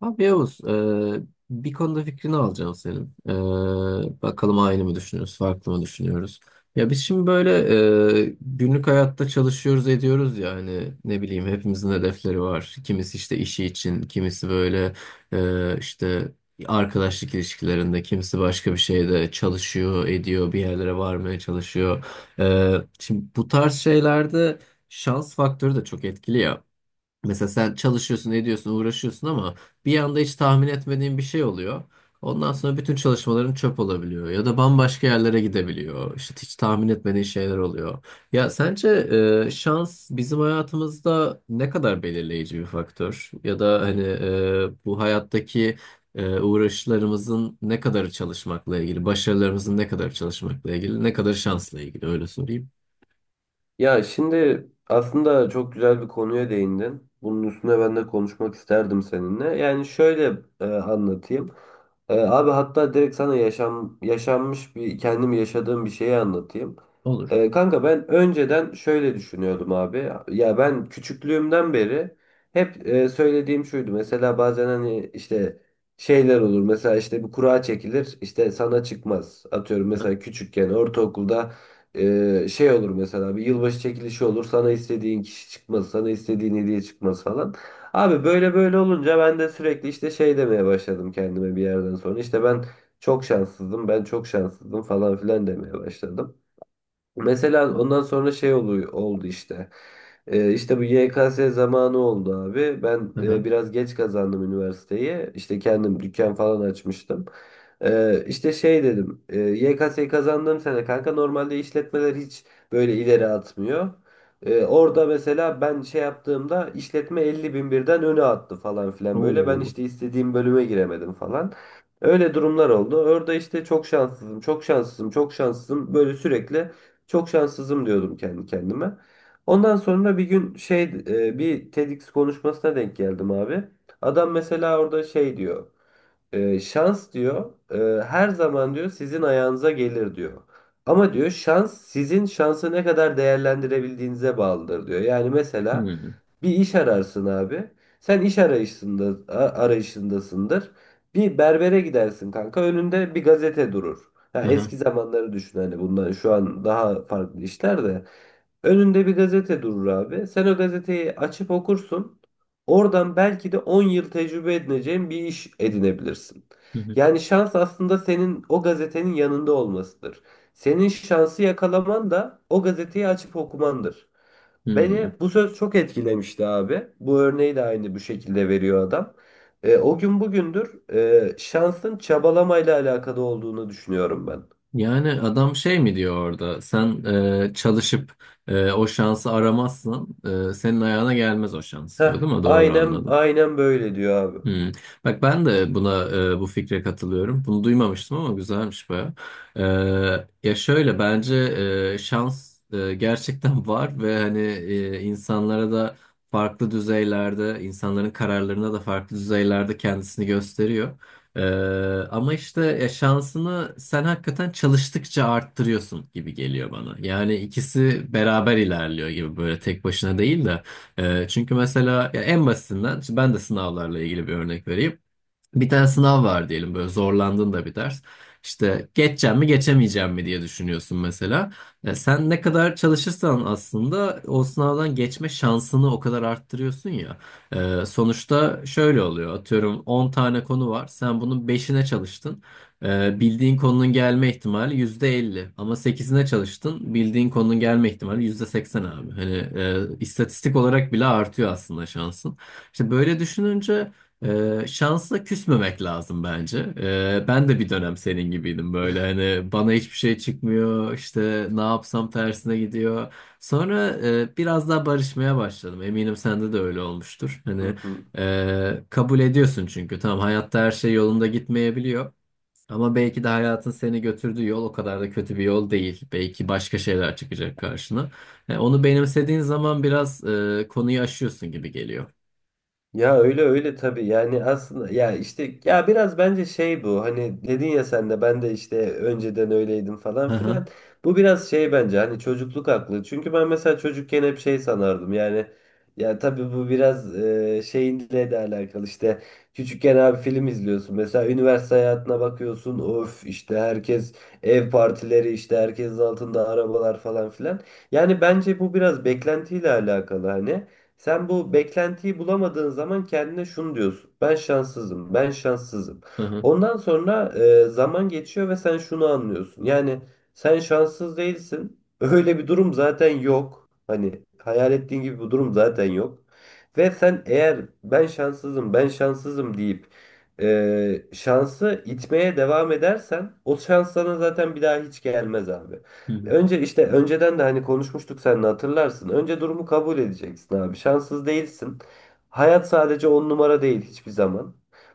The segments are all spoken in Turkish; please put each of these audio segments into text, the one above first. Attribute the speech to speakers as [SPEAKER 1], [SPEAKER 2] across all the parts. [SPEAKER 1] Abi Yavuz, bir konuda fikrini alacağım senin. Bakalım aynı mı düşünüyoruz, farklı mı düşünüyoruz? Ya biz şimdi böyle günlük hayatta çalışıyoruz, ediyoruz ya hani ne bileyim hepimizin hedefleri var. Kimisi işte işi için, kimisi böyle işte arkadaşlık ilişkilerinde, kimisi başka bir şeyde çalışıyor, ediyor, bir yerlere varmaya çalışıyor. E, Şimdi bu tarz şeylerde şans faktörü de çok etkili ya. Mesela sen çalışıyorsun, ediyorsun, uğraşıyorsun ama bir anda hiç tahmin etmediğin bir şey oluyor. Ondan sonra bütün çalışmaların çöp olabiliyor ya da bambaşka yerlere gidebiliyor. İşte hiç tahmin etmediğin şeyler oluyor. Ya sence şans bizim hayatımızda ne kadar belirleyici bir faktör? Ya da hani bu hayattaki uğraşlarımızın ne kadarı çalışmakla ilgili, başarılarımızın ne kadarı çalışmakla ilgili, ne kadar şansla ilgili öyle sorayım.
[SPEAKER 2] Ya şimdi aslında çok güzel bir konuya değindin. Bunun üstüne ben de konuşmak isterdim seninle. Yani şöyle, anlatayım. Abi hatta direkt sana yaşanmış bir kendim yaşadığım bir şeyi anlatayım.
[SPEAKER 1] Olur.
[SPEAKER 2] Kanka ben önceden şöyle düşünüyordum abi. Ya ben küçüklüğümden beri hep söylediğim şuydu. Mesela bazen hani işte şeyler olur. Mesela işte bir kura çekilir. İşte sana çıkmaz. Atıyorum
[SPEAKER 1] Hı
[SPEAKER 2] mesela küçükken ortaokulda şey olur mesela, bir yılbaşı çekilişi olur, sana istediğin kişi çıkmaz, sana istediğin hediye çıkmaz falan. Abi böyle böyle olunca ben de sürekli işte şey demeye başladım kendime. Bir yerden sonra işte ben çok şanssızdım, ben çok şanssızdım falan filan demeye başladım. Mesela ondan sonra şey oluyor, oldu işte. İşte bu YKS zamanı oldu abi. Ben
[SPEAKER 1] hı.
[SPEAKER 2] biraz geç kazandım üniversiteyi. İşte kendim dükkan falan açmıştım. İşte şey dedim. YKS'yi kazandığım sene kanka normalde işletmeler hiç böyle ileri atmıyor. Orada mesela ben şey yaptığımda işletme 50 bin birden öne attı falan filan böyle. Ben
[SPEAKER 1] Oo.
[SPEAKER 2] işte istediğim bölüme giremedim falan. Öyle durumlar oldu. Orada işte çok şanssızım, çok şanssızım, çok şanssızım. Böyle sürekli çok şanssızım diyordum kendi kendime. Ondan sonra bir gün bir TEDx konuşmasına denk geldim abi. Adam mesela orada şey diyor. Şans diyor her zaman diyor sizin ayağınıza gelir diyor. Ama diyor şans, sizin şansı ne kadar değerlendirebildiğinize bağlıdır diyor. Yani mesela
[SPEAKER 1] Hmm.
[SPEAKER 2] bir iş ararsın abi. Sen iş arayışında arayışındasındır. Bir berbere gidersin kanka. Önünde bir gazete durur. Ha,
[SPEAKER 1] Hı hı.
[SPEAKER 2] eski zamanları düşün, hani bundan şu an daha farklı işler de. Önünde bir gazete durur abi. Sen o gazeteyi açıp okursun. Oradan belki de 10 yıl tecrübe edineceğin bir iş edinebilirsin.
[SPEAKER 1] Hı hı.
[SPEAKER 2] Yani şans aslında senin o gazetenin yanında olmasıdır. Senin şansı yakalaman da o gazeteyi açıp okumandır. Beni
[SPEAKER 1] Hmm.
[SPEAKER 2] bu söz çok etkilemişti abi. Bu örneği de aynı bu şekilde veriyor adam. O gün bugündür şansın çabalamayla alakalı olduğunu düşünüyorum ben.
[SPEAKER 1] Yani adam şey mi diyor orada? Sen çalışıp o şansı aramazsan senin ayağına gelmez o şans diyor,
[SPEAKER 2] Heh,
[SPEAKER 1] değil mi? Doğru
[SPEAKER 2] aynen
[SPEAKER 1] anladım.
[SPEAKER 2] aynen böyle diyor abi.
[SPEAKER 1] Hmm. Bak ben de buna bu fikre katılıyorum. Bunu duymamıştım ama güzelmiş baya. Ya şöyle bence şans gerçekten var ve hani insanlara da farklı düzeylerde, insanların kararlarına da farklı düzeylerde kendisini gösteriyor. E, Ama işte ya şansını sen hakikaten çalıştıkça arttırıyorsun gibi geliyor bana. Yani ikisi beraber ilerliyor gibi böyle tek başına değil de. Çünkü mesela ya en basitinden ben de sınavlarla ilgili bir örnek vereyim. Bir tane sınav var diyelim böyle zorlandığın da bir ders. İşte geçeceğim mi geçemeyeceğim mi diye düşünüyorsun mesela. Sen ne kadar çalışırsan aslında o sınavdan geçme şansını o kadar arttırıyorsun ya. Sonuçta şöyle oluyor, atıyorum 10 tane konu var sen bunun beşine çalıştın. Bildiğin konunun gelme ihtimali %50. Ama sekizine çalıştın bildiğin konunun gelme ihtimali %80 abi. Hani istatistik olarak bile artıyor aslında şansın. İşte böyle düşününce... Şansla küsmemek lazım bence. Ben de bir dönem senin gibiydim, böyle hani bana hiçbir şey çıkmıyor, işte ne yapsam tersine gidiyor. Sonra biraz daha barışmaya başladım. Eminim sende de öyle olmuştur. Hani
[SPEAKER 2] Hı hı.
[SPEAKER 1] kabul ediyorsun çünkü tamam, hayatta her şey yolunda gitmeyebiliyor. Ama belki de hayatın seni götürdüğü yol o kadar da kötü bir yol değil. Belki başka şeyler çıkacak karşına. Onu benimsediğin zaman biraz konuyu aşıyorsun gibi geliyor.
[SPEAKER 2] Ya öyle öyle tabii. Yani aslında ya işte, ya biraz bence şey, bu hani dedin ya, sen de ben de işte önceden öyleydim falan
[SPEAKER 1] Hı hı.
[SPEAKER 2] filan, bu biraz şey bence, hani çocukluk aklı. Çünkü ben mesela çocukken hep şey sanardım. Yani ya tabii bu biraz şeyinle de alakalı işte, küçükken abi film izliyorsun mesela, üniversite hayatına bakıyorsun, of, işte herkes ev partileri, işte herkesin altında arabalar falan filan. Yani bence bu biraz beklentiyle alakalı hani. Sen bu beklentiyi bulamadığın zaman kendine şunu diyorsun: ben şanssızım, ben şanssızım.
[SPEAKER 1] Hı hı.
[SPEAKER 2] Ondan sonra zaman geçiyor ve sen şunu anlıyorsun. Yani sen şanssız değilsin. Öyle bir durum zaten yok. Hani hayal ettiğin gibi bir durum zaten yok. Ve sen eğer ben şanssızım, ben şanssızım deyip şansı itmeye devam edersen o şans sana zaten bir daha hiç gelmez abi. Önce, işte önceden de hani konuşmuştuk seninle hatırlarsın, önce durumu kabul edeceksin abi. Şanssız değilsin. Hayat sadece on numara değil hiçbir zaman.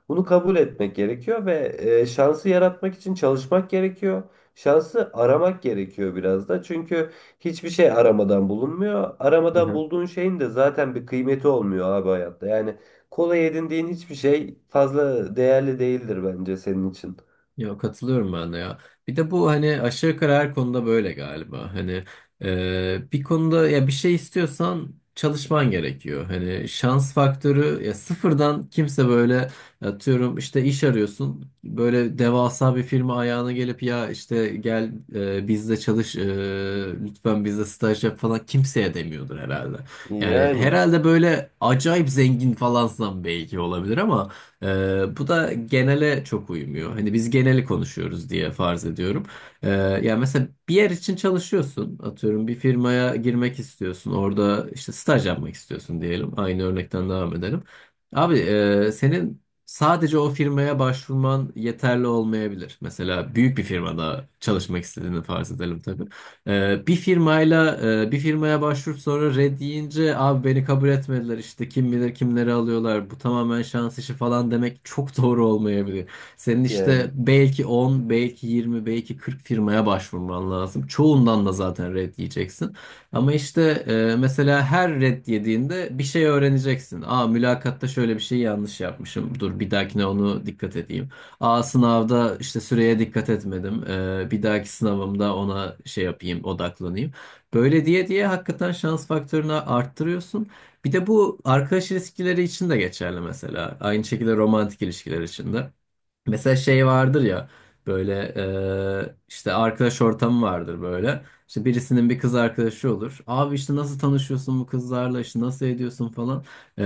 [SPEAKER 2] Bunu kabul etmek gerekiyor ve şansı yaratmak için çalışmak gerekiyor. Şansı aramak gerekiyor biraz da. Çünkü hiçbir şey aramadan bulunmuyor.
[SPEAKER 1] Hı
[SPEAKER 2] Aramadan
[SPEAKER 1] hı.
[SPEAKER 2] bulduğun şeyin de zaten bir kıymeti olmuyor abi hayatta. Yani kolay edindiğin hiçbir şey fazla değerli değildir bence senin için.
[SPEAKER 1] Ya katılıyorum ben de ya. Bir de bu hani aşağı yukarı her konuda böyle galiba. Hani bir konuda ya bir şey istiyorsan çalışman gerekiyor. Hani şans faktörü ya sıfırdan kimse böyle atıyorum işte iş arıyorsun. Böyle devasa bir firma ayağına gelip ya işte gel bizde çalış, lütfen bizde staj yap falan kimseye demiyordur herhalde. Yani
[SPEAKER 2] Yani
[SPEAKER 1] herhalde böyle acayip zengin falansan belki olabilir ama bu da genele çok uymuyor. Hani biz geneli konuşuyoruz diye farz ediyorum. Ee, Yani mesela bir yer için çalışıyorsun. Atıyorum bir firmaya girmek istiyorsun. Orada işte staj yapmak istiyorsun diyelim. Aynı örnekten devam edelim. Abi senin sadece o firmaya başvurman yeterli olmayabilir. Mesela büyük bir firmada çalışmak istediğini farz edelim tabii. Ee, bir firmayla Bir firmaya başvurup sonra red deyince abi beni kabul etmediler, işte kim bilir kimleri alıyorlar, bu tamamen şans işi falan demek çok doğru olmayabilir. Senin işte
[SPEAKER 2] yani.
[SPEAKER 1] belki 10, belki 20, belki 40 firmaya başvurman lazım. Çoğundan da zaten red yiyeceksin. Ama işte mesela her red yediğinde bir şey öğreneceksin. Aa, mülakatta şöyle bir şey yanlış yapmışım. Dur bir dahakine onu dikkat edeyim. A, sınavda işte süreye dikkat etmedim. Bir dahaki sınavımda ona şey yapayım, odaklanayım. Böyle diye diye hakikaten şans faktörünü arttırıyorsun. Bir de bu arkadaş ilişkileri için de geçerli mesela. Aynı şekilde romantik ilişkiler için de. Mesela şey vardır ya, böyle işte arkadaş ortamı vardır böyle. İşte birisinin bir kız arkadaşı olur. Abi işte nasıl tanışıyorsun bu kızlarla, işte nasıl ediyorsun falan. E,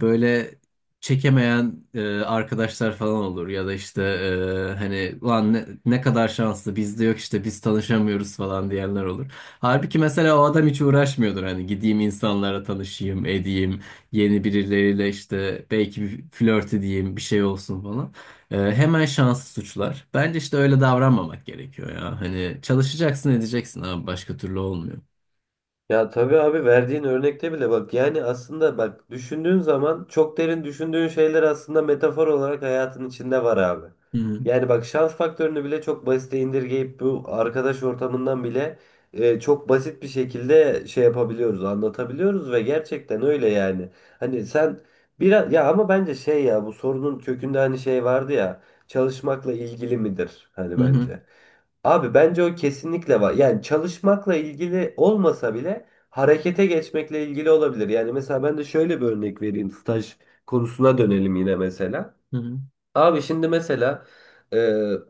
[SPEAKER 1] Böyle çekemeyen arkadaşlar falan olur. Ya da işte hani lan ne kadar şanslı, bizde yok işte biz tanışamıyoruz falan diyenler olur. Halbuki mesela o adam hiç uğraşmıyordur. Hani gideyim insanlara tanışayım edeyim, yeni birileriyle işte belki bir flört edeyim bir şey olsun falan. Hemen şansı suçlar. Bence işte öyle davranmamak gerekiyor ya. Hani çalışacaksın edeceksin abi, başka türlü olmuyor.
[SPEAKER 2] Ya tabii abi, verdiğin örnekte bile bak, yani aslında bak, düşündüğün zaman çok derin düşündüğün şeyler aslında metafor olarak hayatın içinde var abi.
[SPEAKER 1] Hı
[SPEAKER 2] Yani bak, şans faktörünü bile çok basite indirgeyip bu arkadaş ortamından bile çok basit bir şekilde şey yapabiliyoruz, anlatabiliyoruz ve gerçekten öyle yani. Hani sen biraz, ya ama bence şey, ya bu sorunun kökünde hani şey vardı ya, çalışmakla ilgili midir hani,
[SPEAKER 1] hı hı
[SPEAKER 2] bence. Abi bence o kesinlikle var. Yani çalışmakla ilgili olmasa bile harekete geçmekle ilgili olabilir. Yani mesela ben de şöyle bir örnek vereyim. Staj konusuna dönelim yine mesela.
[SPEAKER 1] hı hı
[SPEAKER 2] Abi şimdi mesela e,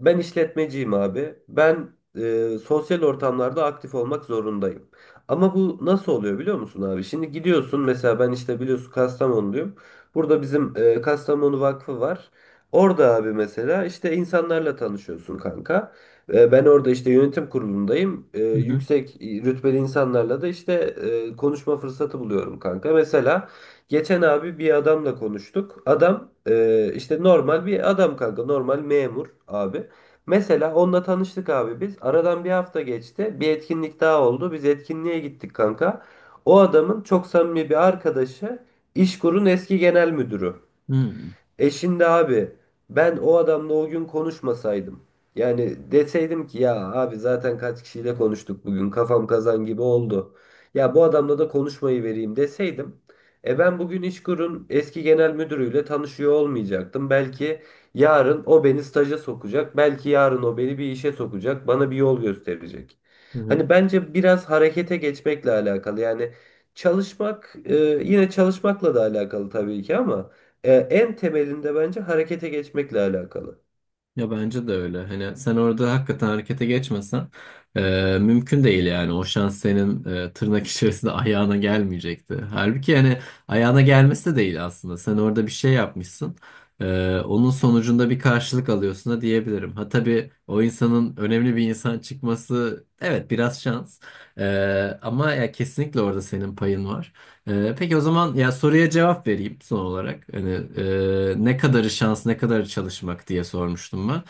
[SPEAKER 2] ben işletmeciyim abi. Ben sosyal ortamlarda aktif olmak zorundayım. Ama bu nasıl oluyor biliyor musun abi? Şimdi gidiyorsun mesela, ben işte biliyorsun Kastamonluyum. Burada bizim Kastamonu Vakfı var. Orada abi mesela işte insanlarla tanışıyorsun kanka. Ben orada işte yönetim kurulundayım.
[SPEAKER 1] hı
[SPEAKER 2] Yüksek rütbeli insanlarla da işte konuşma fırsatı buluyorum kanka. Mesela geçen abi bir adamla konuştuk. Adam işte normal bir adam kanka. Normal memur abi. Mesela onunla tanıştık abi biz. Aradan bir hafta geçti. Bir etkinlik daha oldu. Biz etkinliğe gittik kanka. O adamın çok samimi bir arkadaşı İşkur'un eski genel müdürü.
[SPEAKER 1] hı
[SPEAKER 2] E şimdi abi, ben o adamla o gün konuşmasaydım, yani deseydim ki ya abi zaten kaç kişiyle konuştuk bugün, kafam kazan gibi oldu, ya bu adamla da konuşmayı vereyim deseydim, e ben bugün İşkur'un eski genel müdürüyle tanışıyor olmayacaktım. Belki yarın o beni staja sokacak. Belki yarın o beni bir işe sokacak. Bana bir yol gösterecek.
[SPEAKER 1] hı hı.
[SPEAKER 2] Hani bence biraz harekete geçmekle alakalı. Yani çalışmak, yine çalışmakla da alakalı tabii ki ama. En temelinde bence harekete geçmekle alakalı.
[SPEAKER 1] Ya bence de öyle. Hani sen orada hakikaten harekete geçmesen mümkün değil yani. O şans senin tırnak içerisinde ayağına gelmeyecekti. Halbuki hani ayağına gelmesi de değil aslında. Sen orada bir şey yapmışsın. E, Onun sonucunda bir karşılık alıyorsun da diyebilirim. Ha tabii, o insanın önemli bir insan çıkması, evet, biraz şans. Ama ya kesinlikle orada senin payın var. Peki o zaman ya soruya cevap vereyim son olarak. Hani ne kadarı şans, ne kadarı çalışmak diye sormuştum ben.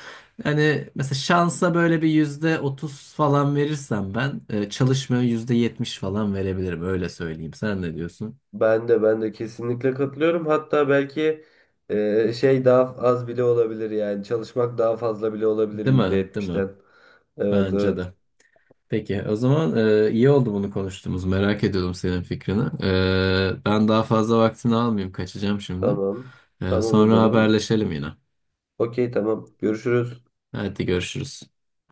[SPEAKER 1] Hani mesela şansa böyle bir %30 falan verirsem ben, çalışmaya %70 falan verebilirim. Öyle söyleyeyim. Sen ne diyorsun?
[SPEAKER 2] Ben de kesinlikle katılıyorum. Hatta belki şey daha az bile olabilir, yani çalışmak daha fazla bile olabilir
[SPEAKER 1] Değil mi? Değil mi?
[SPEAKER 2] %70'ten. Evet
[SPEAKER 1] Bence
[SPEAKER 2] evet,
[SPEAKER 1] de. Peki o zaman iyi oldu bunu konuştuğumuz. Merak ediyordum senin fikrini. Ben daha fazla vaktini almayayım. Kaçacağım şimdi.
[SPEAKER 2] tamam. Tamam o
[SPEAKER 1] Sonra
[SPEAKER 2] zaman.
[SPEAKER 1] haberleşelim yine.
[SPEAKER 2] Okey tamam. Görüşürüz.
[SPEAKER 1] Hadi görüşürüz.